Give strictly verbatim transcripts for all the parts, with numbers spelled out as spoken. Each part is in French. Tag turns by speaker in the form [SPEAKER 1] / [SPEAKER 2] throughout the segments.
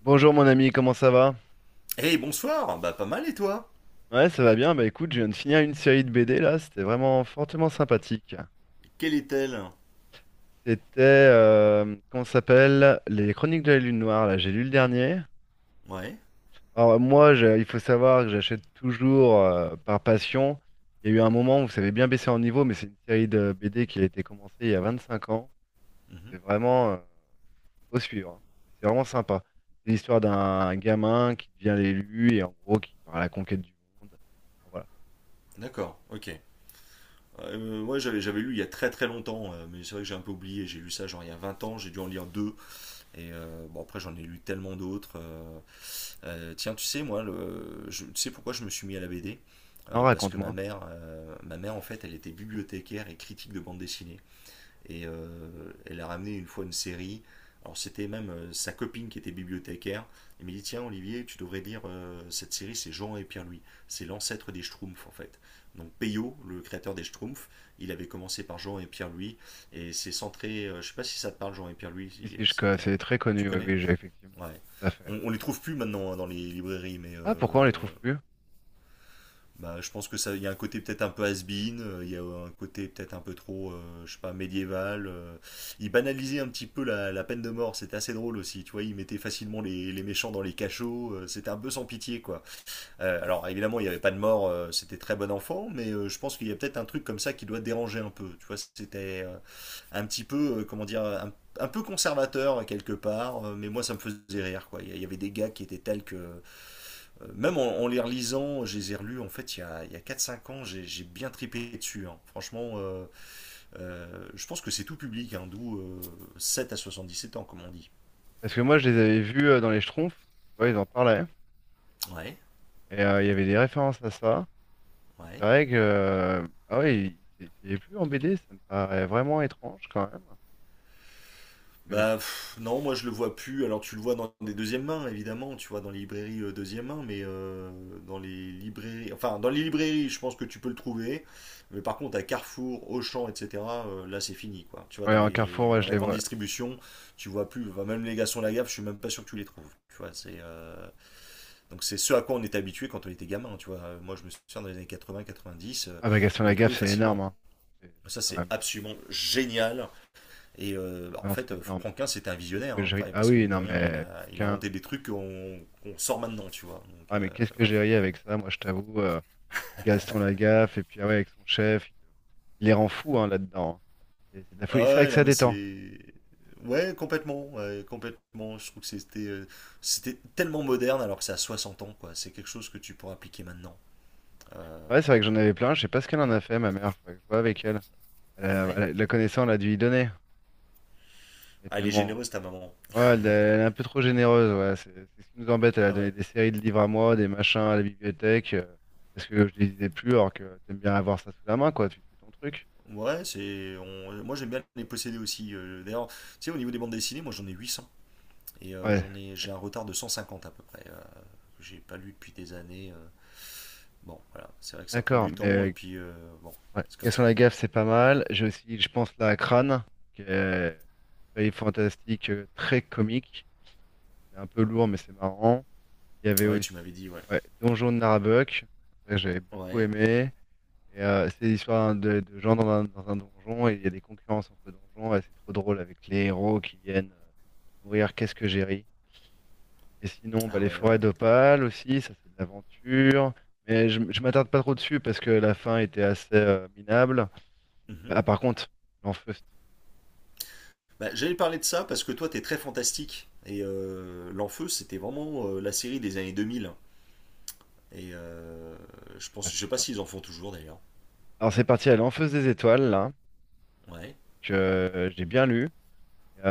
[SPEAKER 1] Bonjour mon ami, comment ça va?
[SPEAKER 2] Eh bonsoir, bah pas mal et toi?
[SPEAKER 1] Ouais, ça va bien. Bah écoute, je viens de finir une série de B D là, c'était vraiment fortement sympathique.
[SPEAKER 2] Quelle est-elle?
[SPEAKER 1] C'était, euh, comment ça s'appelle? Les Chroniques de la Lune Noire, là, j'ai lu le dernier.
[SPEAKER 2] Ouais.
[SPEAKER 1] Alors moi, je- il faut savoir que j'achète toujours euh, par passion. Il y a eu un moment où ça avait bien baissé en niveau, mais c'est une série de B D qui a été commencée il y a vingt-cinq ans.
[SPEAKER 2] Mhm.
[SPEAKER 1] C'est vraiment, euh, faut suivre, hein. C'est vraiment sympa. C'est l'histoire d'un gamin qui devient l'élu et en gros qui part à la conquête du monde. Enfin, voilà.
[SPEAKER 2] D'accord, ok. Euh, ouais, j'avais, j'avais lu il y a très très longtemps, euh, mais c'est vrai que j'ai un peu oublié. J'ai lu ça genre il y a vingt ans, j'ai dû en lire deux. Et euh, bon, après j'en ai lu tellement d'autres. euh. Euh, tiens, tu sais, moi, le, je, tu sais pourquoi je me suis mis à la B D?
[SPEAKER 1] Non,
[SPEAKER 2] Euh, Parce que ma
[SPEAKER 1] raconte-moi.
[SPEAKER 2] mère, euh, ma mère en fait, elle était bibliothécaire et critique de bande dessinée. Et euh, elle a ramené une fois une série. Alors c'était même euh, sa copine qui était bibliothécaire. Elle m'a dit tiens Olivier, tu devrais lire euh, cette série, c'est Jean et Pierre-Louis. C'est l'ancêtre des Schtroumpfs en fait. Donc Peyo, le créateur des Schtroumpfs, il avait commencé par Jean et Pierre-Louis. Et c'est centré, euh, je sais pas si ça te parle Jean et Pierre-Louis, si- euh,
[SPEAKER 1] Ici, je co-
[SPEAKER 2] c'était un-
[SPEAKER 1] c'est très
[SPEAKER 2] tu
[SPEAKER 1] connu, oui,
[SPEAKER 2] connais?
[SPEAKER 1] oui, j'ai effectivement,
[SPEAKER 2] Ouais.
[SPEAKER 1] tout à fait.
[SPEAKER 2] On, on les trouve plus maintenant hein, dans les librairies, mais
[SPEAKER 1] Ah, pourquoi on les
[SPEAKER 2] euh,
[SPEAKER 1] trouve plus?
[SPEAKER 2] bah, je pense que ça, il y a un côté peut-être un peu has-been, euh, il y a un côté peut-être un peu trop, euh, je sais pas, médiéval. euh. Il banalisait un petit peu la, la peine de mort, c'était assez drôle aussi, tu vois, il mettait facilement les, les méchants dans les cachots, euh, c'était un peu sans pitié, quoi. Euh, alors évidemment, il n'y avait pas de mort, euh, c'était très bon enfant, mais euh, je pense qu'il y a peut-être un truc comme ça qui doit déranger un peu, tu vois, c'était euh, un petit peu, euh, comment dire, un, un peu conservateur quelque part, euh, mais moi ça me faisait rire, quoi. Il y, il y avait des gars qui étaient tels que euh, même en, en les relisant, je les ai relus en fait il y a, il y a quatre cinq ans, j'ai bien tripé dessus. Hein. Franchement, euh, euh, je pense que c'est tout public, hein, d'où euh, sept à sept ans, comme on dit.
[SPEAKER 1] Parce que moi, je les avais vus euh, dans les Schtroumpfs, tu vois, ils en parlaient,
[SPEAKER 2] Ouais,
[SPEAKER 1] et euh, il y avait des références à ça, et c'est
[SPEAKER 2] ouais.
[SPEAKER 1] vrai que, euh, ah oui, c'est c'est plus en B D, ça me paraît vraiment étrange, quand même. Parce que c'est-
[SPEAKER 2] Bah pff, non, moi je le vois plus. Alors tu le vois dans des deuxièmes mains, évidemment, tu vois, dans les librairies euh, deuxième main, mais euh, dans les librairies, enfin dans les librairies, je pense que tu peux le trouver. Mais par contre, à Carrefour, Auchan, et cetera, euh, là c'est fini, quoi. Tu vois,
[SPEAKER 1] Ouais,
[SPEAKER 2] dans
[SPEAKER 1] en Carrefour,
[SPEAKER 2] les,
[SPEAKER 1] ouais,
[SPEAKER 2] dans
[SPEAKER 1] je
[SPEAKER 2] la
[SPEAKER 1] les
[SPEAKER 2] grande
[SPEAKER 1] vois.
[SPEAKER 2] distribution, tu vois plus. Enfin, même les garçons de la gaffe, je suis même pas sûr que tu les trouves. Tu vois, c'est euh, donc c'est ce à quoi on était habitué quand on était gamin. Tu vois. Euh, moi je me souviens dans les années quatre-vingts quatre-vingt-dix,
[SPEAKER 1] Ah bah, Gaston
[SPEAKER 2] on les trouvait
[SPEAKER 1] Lagaffe, c'est énorme,
[SPEAKER 2] facilement.
[SPEAKER 1] hein. C'est c'est
[SPEAKER 2] Ça
[SPEAKER 1] quand
[SPEAKER 2] c'est
[SPEAKER 1] même,
[SPEAKER 2] absolument génial et euh, bah, en
[SPEAKER 1] ah non,
[SPEAKER 2] fait,
[SPEAKER 1] c'est
[SPEAKER 2] euh,
[SPEAKER 1] énorme, ça.
[SPEAKER 2] Franquin, c'était un
[SPEAKER 1] Qu'est-ce
[SPEAKER 2] visionnaire,
[SPEAKER 1] que
[SPEAKER 2] hein.
[SPEAKER 1] j'ai ri.
[SPEAKER 2] Enfin,
[SPEAKER 1] Ah
[SPEAKER 2] parce que
[SPEAKER 1] oui,
[SPEAKER 2] mine de
[SPEAKER 1] non,
[SPEAKER 2] rien, il
[SPEAKER 1] mais,
[SPEAKER 2] a, il a
[SPEAKER 1] Franquin,
[SPEAKER 2] inventé des trucs qu'on qu'on sort maintenant, tu vois. Donc,
[SPEAKER 1] ah
[SPEAKER 2] euh,
[SPEAKER 1] mais qu'est-ce que j'ai ri avec ça, moi, je t'avoue, euh, Gaston Lagaffe, et puis, ah ouais, avec son chef, il les rend fous, hein, là-dedans, hein. C'est c'est de la
[SPEAKER 2] Ah
[SPEAKER 1] folie. C'est vrai que
[SPEAKER 2] ouais, non,
[SPEAKER 1] ça
[SPEAKER 2] mais
[SPEAKER 1] détend.
[SPEAKER 2] c'est. Ouais, complètement, ouais, complètement. Je trouve que c'était euh, c'était tellement moderne alors que c'est à soixante ans, quoi. C'est quelque chose que tu pourras appliquer maintenant. Euh,
[SPEAKER 1] Ouais, c'est vrai que j'en avais plein. Je sais pas ce qu'elle en a fait, ma mère. Faudrait que je vois avec elle. Elle a-
[SPEAKER 2] Ouais.
[SPEAKER 1] elle a- la connaissance elle a dû y donner. Elle est
[SPEAKER 2] Ah, elle est
[SPEAKER 1] tellement.
[SPEAKER 2] généreuse, ta maman.
[SPEAKER 1] Ouais, elle, elle est un peu trop généreuse. Ouais, c'est c'est ce qui nous embête. Elle a
[SPEAKER 2] Ah
[SPEAKER 1] donné
[SPEAKER 2] ouais.
[SPEAKER 1] des séries de livres à moi, des machins à la bibliothèque, euh, parce que je les lisais plus, alors que t'aimes bien avoir ça sous la main, quoi. Tu fais ton truc.
[SPEAKER 2] Ouais, c'est. on- Moi, j'aime bien les posséder aussi. euh, D'ailleurs, tu sais, au niveau des bandes dessinées, moi, j'en ai huit cents. Et euh,
[SPEAKER 1] Ouais,
[SPEAKER 2] j'en ai... j'ai un
[SPEAKER 1] d'accord.
[SPEAKER 2] retard de cent cinquante à peu près, euh, que j'ai pas lu depuis des années. euh. Bon, voilà. C'est vrai que ça prend
[SPEAKER 1] D'accord.
[SPEAKER 2] du
[SPEAKER 1] Mais
[SPEAKER 2] temps et
[SPEAKER 1] euh,
[SPEAKER 2] puis euh, bon,
[SPEAKER 1] ouais,
[SPEAKER 2] c'est comme
[SPEAKER 1] Gaston
[SPEAKER 2] ça.
[SPEAKER 1] Lagaffe, c'est pas mal. J'ai aussi, je pense, là, à Crâne, qui est une série fantastique, euh, très comique. C'est un peu lourd, mais c'est marrant. Il y avait
[SPEAKER 2] Ah ouais,
[SPEAKER 1] aussi
[SPEAKER 2] tu m'avais dit, ouais.
[SPEAKER 1] ouais, Donjon de Narabuck, ça, j'avais beaucoup
[SPEAKER 2] Ouais.
[SPEAKER 1] aimé. Et euh, c'est l'histoire de, de gens dans un, dans un donjon et il y a des concurrences entre donjons, et c'est trop drôle avec les héros qui viennent euh, mourir. Qu'est-ce que j'ai ri. Et sinon, bah,
[SPEAKER 2] Ah
[SPEAKER 1] les
[SPEAKER 2] ouais,
[SPEAKER 1] forêts
[SPEAKER 2] ouais.
[SPEAKER 1] d'Opale aussi, ça c'est de l'aventure. Mais je, je m'attarde pas trop dessus parce que la fin était assez euh, minable. Euh,
[SPEAKER 2] Mhm.
[SPEAKER 1] Ah, par contre, l'Enfeust.
[SPEAKER 2] Bah, j'allais parler de ça parce que toi, t'es très fantastique. Et euh, L'Enfeu, c'était vraiment euh, la série des années deux mille. Et euh, je
[SPEAKER 1] Ah,
[SPEAKER 2] pense, je
[SPEAKER 1] c'est
[SPEAKER 2] sais pas
[SPEAKER 1] ça.
[SPEAKER 2] s'ils en font toujours d'ailleurs.
[SPEAKER 1] Alors c'est parti à l'Enfeust des étoiles là,
[SPEAKER 2] Ouais,
[SPEAKER 1] que euh, j'ai bien lu.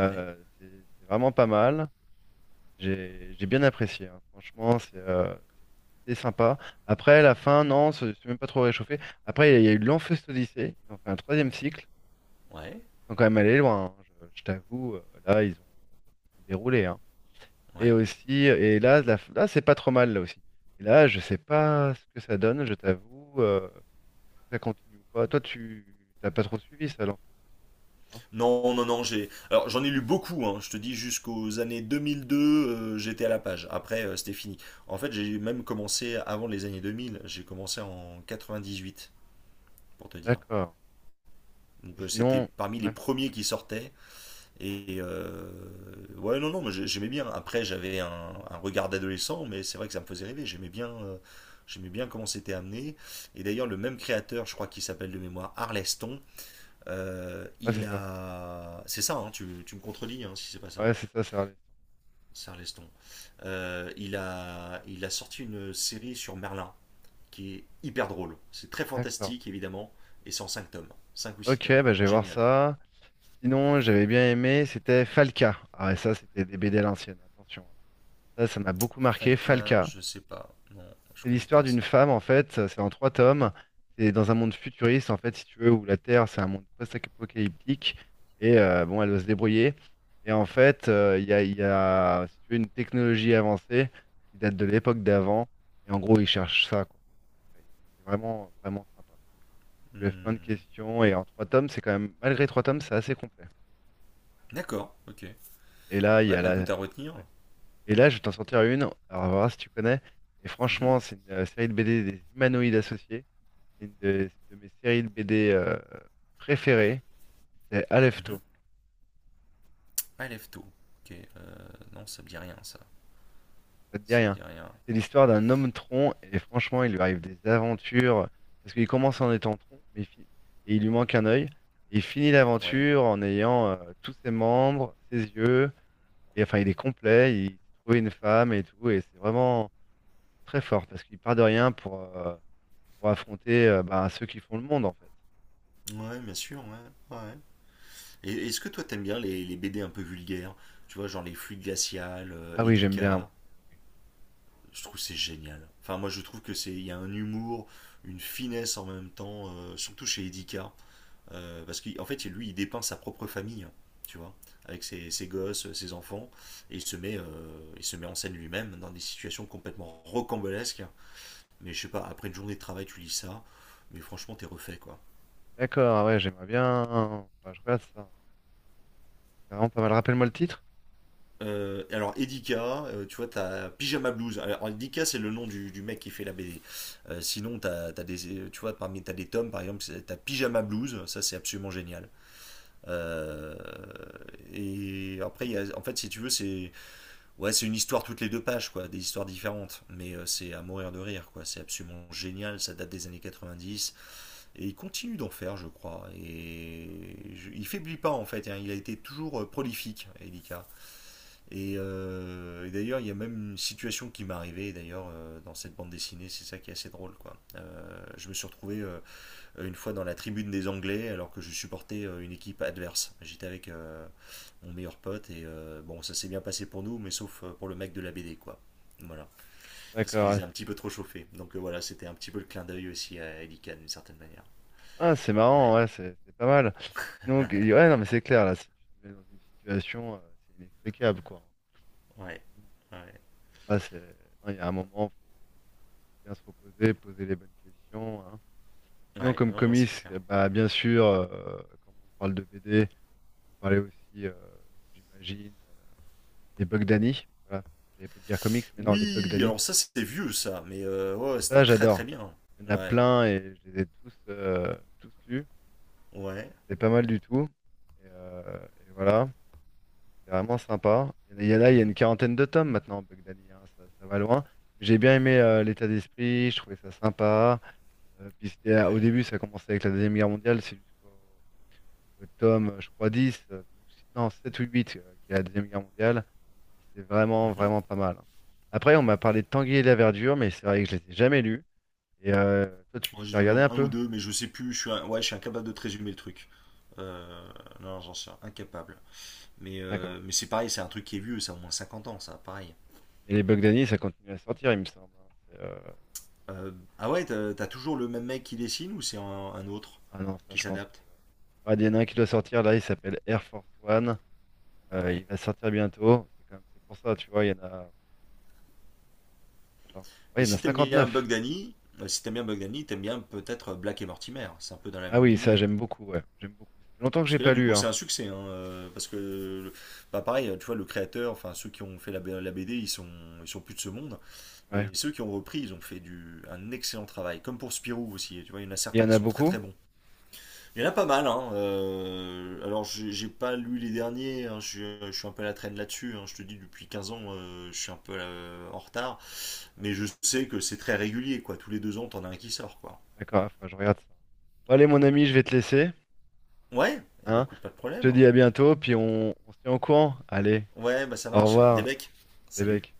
[SPEAKER 2] ouais,
[SPEAKER 1] c'est c'est vraiment pas mal. J'ai j'ai bien apprécié, hein. Franchement, c'est euh, c'était sympa. Après, la fin, non, c'est c'est même pas trop réchauffé. Après, il y a il y a eu l'Enfeust Odyssée, ils ont fait un troisième cycle,
[SPEAKER 2] ouais,
[SPEAKER 1] ils sont quand même allés loin, hein. Je, je t'avoue, euh, là, ils ont, ils ont déroulé, hein. Et
[SPEAKER 2] ouais.
[SPEAKER 1] aussi, et là, la- là, c'est pas trop mal, là aussi. Et là, je sais pas ce que ça donne, je t'avoue, euh, si ça continue ou pas. Toi, tu t'as pas trop suivi ça, l'Enfeust, hein?
[SPEAKER 2] Non, non, non, j'ai. Alors, j'en ai lu beaucoup, hein. Je te dis, jusqu'aux années deux mille deux, euh, j'étais à la page. Après, euh, c'était fini. En fait, j'ai même commencé avant les années deux mille. J'ai commencé en quatre-vingt-dix-huit, pour te dire.
[SPEAKER 1] D'accord. Et
[SPEAKER 2] Donc euh, c'était
[SPEAKER 1] sinon,
[SPEAKER 2] parmi les
[SPEAKER 1] ouais,
[SPEAKER 2] premiers qui sortaient. Et euh, ouais, non, non, mais j'ai- j'aimais bien. Après, j'avais un, un regard d'adolescent, mais c'est vrai que ça me faisait rêver. J'aimais bien, euh, j'aimais bien comment c'était amené. Et d'ailleurs, le même créateur, je crois qu'il s'appelle de mémoire Arleston, euh,
[SPEAKER 1] ouais, c'est
[SPEAKER 2] il
[SPEAKER 1] ça.
[SPEAKER 2] a. C'est ça, hein, tu, tu me contredis hein, si c'est pas ça.
[SPEAKER 1] Ouais, c'est ça, ça a
[SPEAKER 2] C'est Arleston. Euh, il a, il a sorti une série sur Merlin qui est hyper drôle. C'est très
[SPEAKER 1] d'accord.
[SPEAKER 2] fantastique, évidemment, et c'est en cinq tomes, cinq ou six
[SPEAKER 1] Ok,
[SPEAKER 2] tomes.
[SPEAKER 1] bah, je vais voir
[SPEAKER 2] Génial.
[SPEAKER 1] ça. Sinon, j'avais bien aimé, c'était Falca. Ah, et ça, c'était des B D à l'ancienne, attention. Ça, ça m'a beaucoup marqué,
[SPEAKER 2] Falca,
[SPEAKER 1] Falca.
[SPEAKER 2] je sais pas. Non, je
[SPEAKER 1] C'est
[SPEAKER 2] connais
[SPEAKER 1] l'histoire
[SPEAKER 2] pas ça.
[SPEAKER 1] d'une femme, en fait, euh, c'est en trois tomes. C'est dans un monde futuriste, en fait, si tu veux, où la Terre, c'est un monde post-apocalyptique. Et euh, bon, elle doit se débrouiller. Et en fait, euh, il y a, il y a, si tu veux, une technologie avancée qui date de l'époque d'avant. Et en gros, ils cherchent ça, quoi. C'est vraiment, vraiment sympa. Tu lèves plein de
[SPEAKER 2] Hmm.
[SPEAKER 1] questions. Et en trois tomes, c'est quand même, malgré trois tomes, c'est assez complet.
[SPEAKER 2] D'accord, ok.
[SPEAKER 1] Et là, il y
[SPEAKER 2] Ouais,
[SPEAKER 1] a
[SPEAKER 2] bah écoute,
[SPEAKER 1] la...
[SPEAKER 2] à retenir.
[SPEAKER 1] ouais. Et là, je vais t'en sortir une, alors on verra si tu connais. Et
[SPEAKER 2] Mhm,
[SPEAKER 1] franchement, c'est une euh, série de B D des humanoïdes associés. C'est une de, c'est une de mes séries de B D euh, préférées. C'est
[SPEAKER 2] mhm.
[SPEAKER 1] Alefto.
[SPEAKER 2] Alefto. Ok, euh, non, ça me dit rien, ça.
[SPEAKER 1] Ça te dit
[SPEAKER 2] Ça me
[SPEAKER 1] rien.
[SPEAKER 2] dit rien.
[SPEAKER 1] C'est l'histoire d'un homme tronc et franchement, il lui arrive des aventures parce qu'il commence en étant tronc, mais il finit- et il lui manque un œil. Et il finit
[SPEAKER 2] Ouais?
[SPEAKER 1] l'aventure en ayant euh, tous ses membres, ses yeux. Et enfin, il est complet. Il trouve une femme et tout. Et c'est vraiment très fort parce qu'il part de rien pour, euh, pour affronter euh, bah, ceux qui font le monde en fait.
[SPEAKER 2] Ouais, bien sûr, ouais. Ouais. Et est-ce que toi, t'aimes bien les, les B D un peu vulgaires? Tu vois, genre les Fluides Glaciales, euh,
[SPEAKER 1] Ah oui, j'aime bien
[SPEAKER 2] Edika.
[SPEAKER 1] moi. Oui.
[SPEAKER 2] Je trouve que c'est génial. Enfin, moi, je trouve que c'est, il y a un humour, une finesse en même temps, euh, surtout chez Edika. Euh, parce qu'en fait, lui, il dépeint sa propre famille, hein, tu vois, avec ses, ses gosses, ses enfants, et il se met, euh, il se met en scène lui-même dans des situations complètement rocambolesques. Mais je sais pas, après une journée de travail, tu lis ça, mais franchement, t'es refait, quoi.
[SPEAKER 1] D'accord, ah ouais, j'aimerais bien. Enfin, je regarde ça. C'est vraiment pas mal. Rappelle-moi le titre.
[SPEAKER 2] Euh, alors Edika, euh, tu vois, t'as Pyjama Blues. Alors Edika, c'est le nom du, du mec qui fait la B D. Euh, sinon, t'as, t'as des, tu vois, parmi t'as des tomes, par exemple, t'as Pyjama Blues. Ça, c'est absolument génial. Euh, et après, y a- en fait, si tu veux, c'est ouais, c'est une histoire toutes les deux pages, quoi, des histoires différentes. Mais euh, c'est à mourir de rire, quoi. C'est absolument génial, ça date des années quatre-vingt-dix. Et il continue d'en faire, je crois. Et je- il faiblit pas, en fait. Hein. Il a été toujours euh, prolifique, Elika. Et, euh, et d'ailleurs, il y a même une situation qui m'est arrivée, d'ailleurs, euh, dans cette bande dessinée. C'est ça qui est assez drôle, quoi. Euh, je me suis retrouvé euh, euh, une fois dans la tribune des Anglais alors que je supportais euh, une équipe adverse. J'étais avec euh, mon meilleur pote et euh, bon, ça s'est bien passé pour nous, mais sauf euh, pour le mec de la B D, quoi. Voilà, parce qu'il
[SPEAKER 1] D'accord, ouais.
[SPEAKER 2] les a un petit peu trop chauffés. Donc euh, voilà, c'était un petit peu le clin d'œil aussi à Elikan d'une certaine manière.
[SPEAKER 1] Ah, c'est marrant,
[SPEAKER 2] Ouais,
[SPEAKER 1] ouais, c'est c'est pas mal. Donc, ouais, non, mais c'est clair, là, si tu te mets dans une situation, euh, c'est inextricable, quoi. Donc,
[SPEAKER 2] ouais, ouais.
[SPEAKER 1] là, c'est, non, il y a un moment, faut bien se reposer, poser les bonnes questions, hein. Sinon,
[SPEAKER 2] Ouais,
[SPEAKER 1] comme
[SPEAKER 2] non, non, c'est
[SPEAKER 1] comics,
[SPEAKER 2] clair.
[SPEAKER 1] euh, bah, bien sûr, euh, quand on parle de B D, on peut parler aussi, euh, j'imagine. Les Bugdani, voilà. J'allais pas dire comics, mais non, les
[SPEAKER 2] Oui,
[SPEAKER 1] Bugdani.
[SPEAKER 2] alors ça c'était vieux ça, mais euh, ouais, c'était
[SPEAKER 1] Ça,
[SPEAKER 2] très très
[SPEAKER 1] j'adore.
[SPEAKER 2] bien.
[SPEAKER 1] Il y en a
[SPEAKER 2] Ouais,
[SPEAKER 1] plein et je les ai tous, euh, tous lus.
[SPEAKER 2] ouais,
[SPEAKER 1] C'est pas mal du tout. Et, euh, et voilà, c'est vraiment sympa. Il y en a, il y a là, il y a
[SPEAKER 2] mhm,
[SPEAKER 1] une quarantaine de tomes maintenant, Bugdani, hein, ça, ça va loin. J'ai bien aimé euh, l'état d'esprit, je trouvais ça sympa. Euh, puis c'était, euh, au
[SPEAKER 2] ouais,
[SPEAKER 1] début, ça commençait avec la Deuxième Guerre mondiale, c'est jusqu'au au tome, je crois, dix. Euh, ou si- Non, sept ou huit euh, qui est la Deuxième Guerre mondiale. C'est vraiment,
[SPEAKER 2] mhm.
[SPEAKER 1] vraiment pas mal. Après, on m'a parlé de Tanguy et la Verdure, mais c'est vrai que je ne les ai jamais lus. Et euh, toi,
[SPEAKER 2] Moi,
[SPEAKER 1] tu
[SPEAKER 2] j'ai
[SPEAKER 1] t'as
[SPEAKER 2] dû en
[SPEAKER 1] regardé
[SPEAKER 2] lire
[SPEAKER 1] un
[SPEAKER 2] un ou
[SPEAKER 1] peu?
[SPEAKER 2] deux, mais je sais plus. Je suis, un- ouais, je suis incapable de te résumer le truc. Euh, non, j'en suis incapable. Mais,
[SPEAKER 1] D'accord.
[SPEAKER 2] euh, mais c'est pareil, c'est un truc qui est vieux, ça a au moins cinquante ans, ça, pareil.
[SPEAKER 1] Et les Bugdani, ça continue à sortir, il me semble, hein. C'est, euh,
[SPEAKER 2] Euh, ah ouais, t'as t'as toujours le même mec qui dessine ou c'est un, un autre
[SPEAKER 1] ah non, ça,
[SPEAKER 2] qui
[SPEAKER 1] je pense que.
[SPEAKER 2] s'adapte?
[SPEAKER 1] Ouais, il y en a un qui doit sortir, là, il s'appelle Air Force One. Euh,
[SPEAKER 2] Ouais.
[SPEAKER 1] il va sortir bientôt. C'est quand même- c'est pour ça, tu vois, il y en a. Attends. Ouais,
[SPEAKER 2] Et
[SPEAKER 1] il y en a
[SPEAKER 2] si t'aimes bien
[SPEAKER 1] cinquante-neuf.
[SPEAKER 2] Bugdani, euh, si t'aimes bien Bugdani, t'aimes bien peut-être Black et Mortimer. C'est un peu dans la
[SPEAKER 1] Ah
[SPEAKER 2] même
[SPEAKER 1] oui, ça,
[SPEAKER 2] lignée.
[SPEAKER 1] j'aime beaucoup, ouais. J'aime beaucoup. Ça fait longtemps que
[SPEAKER 2] Parce
[SPEAKER 1] j'ai
[SPEAKER 2] que là,
[SPEAKER 1] pas
[SPEAKER 2] du
[SPEAKER 1] lu,
[SPEAKER 2] coup,
[SPEAKER 1] hein.
[SPEAKER 2] c'est un succès, hein, euh, parce que, bah, pareil, tu vois, le créateur, enfin, ceux qui ont fait la, B- la B D, ils sont, ils sont plus de ce monde.
[SPEAKER 1] Ouais.
[SPEAKER 2] Mais ceux qui ont repris, ils ont fait du, un excellent travail. Comme pour Spirou aussi, tu vois, il y en a
[SPEAKER 1] Il y
[SPEAKER 2] certains
[SPEAKER 1] en
[SPEAKER 2] qui
[SPEAKER 1] a
[SPEAKER 2] sont très
[SPEAKER 1] beaucoup?
[SPEAKER 2] très bons. Il y en a pas mal, hein. Euh, alors j'ai j'ai pas lu les derniers, hein, je, suis- je suis un peu à la traîne là-dessus. Hein. Je te dis, depuis quinze ans, euh, je suis un peu euh, en retard.
[SPEAKER 1] D'accord,
[SPEAKER 2] Mais je sais que c'est très régulier, quoi. Tous les deux ans, t'en as un qui sort, quoi.
[SPEAKER 1] d'accord, ah, faudra que je regarde ça. Bon, allez, mon ami, je vais te laisser.
[SPEAKER 2] Ouais, et bah
[SPEAKER 1] Hein.
[SPEAKER 2] écoute, pas de
[SPEAKER 1] Je te
[SPEAKER 2] problème.
[SPEAKER 1] dis à bientôt, puis on, on se tient au courant. Allez,
[SPEAKER 2] Ouais, bah ça
[SPEAKER 1] au
[SPEAKER 2] marche. Des
[SPEAKER 1] revoir,
[SPEAKER 2] becs.
[SPEAKER 1] les
[SPEAKER 2] Salut.
[SPEAKER 1] mecs.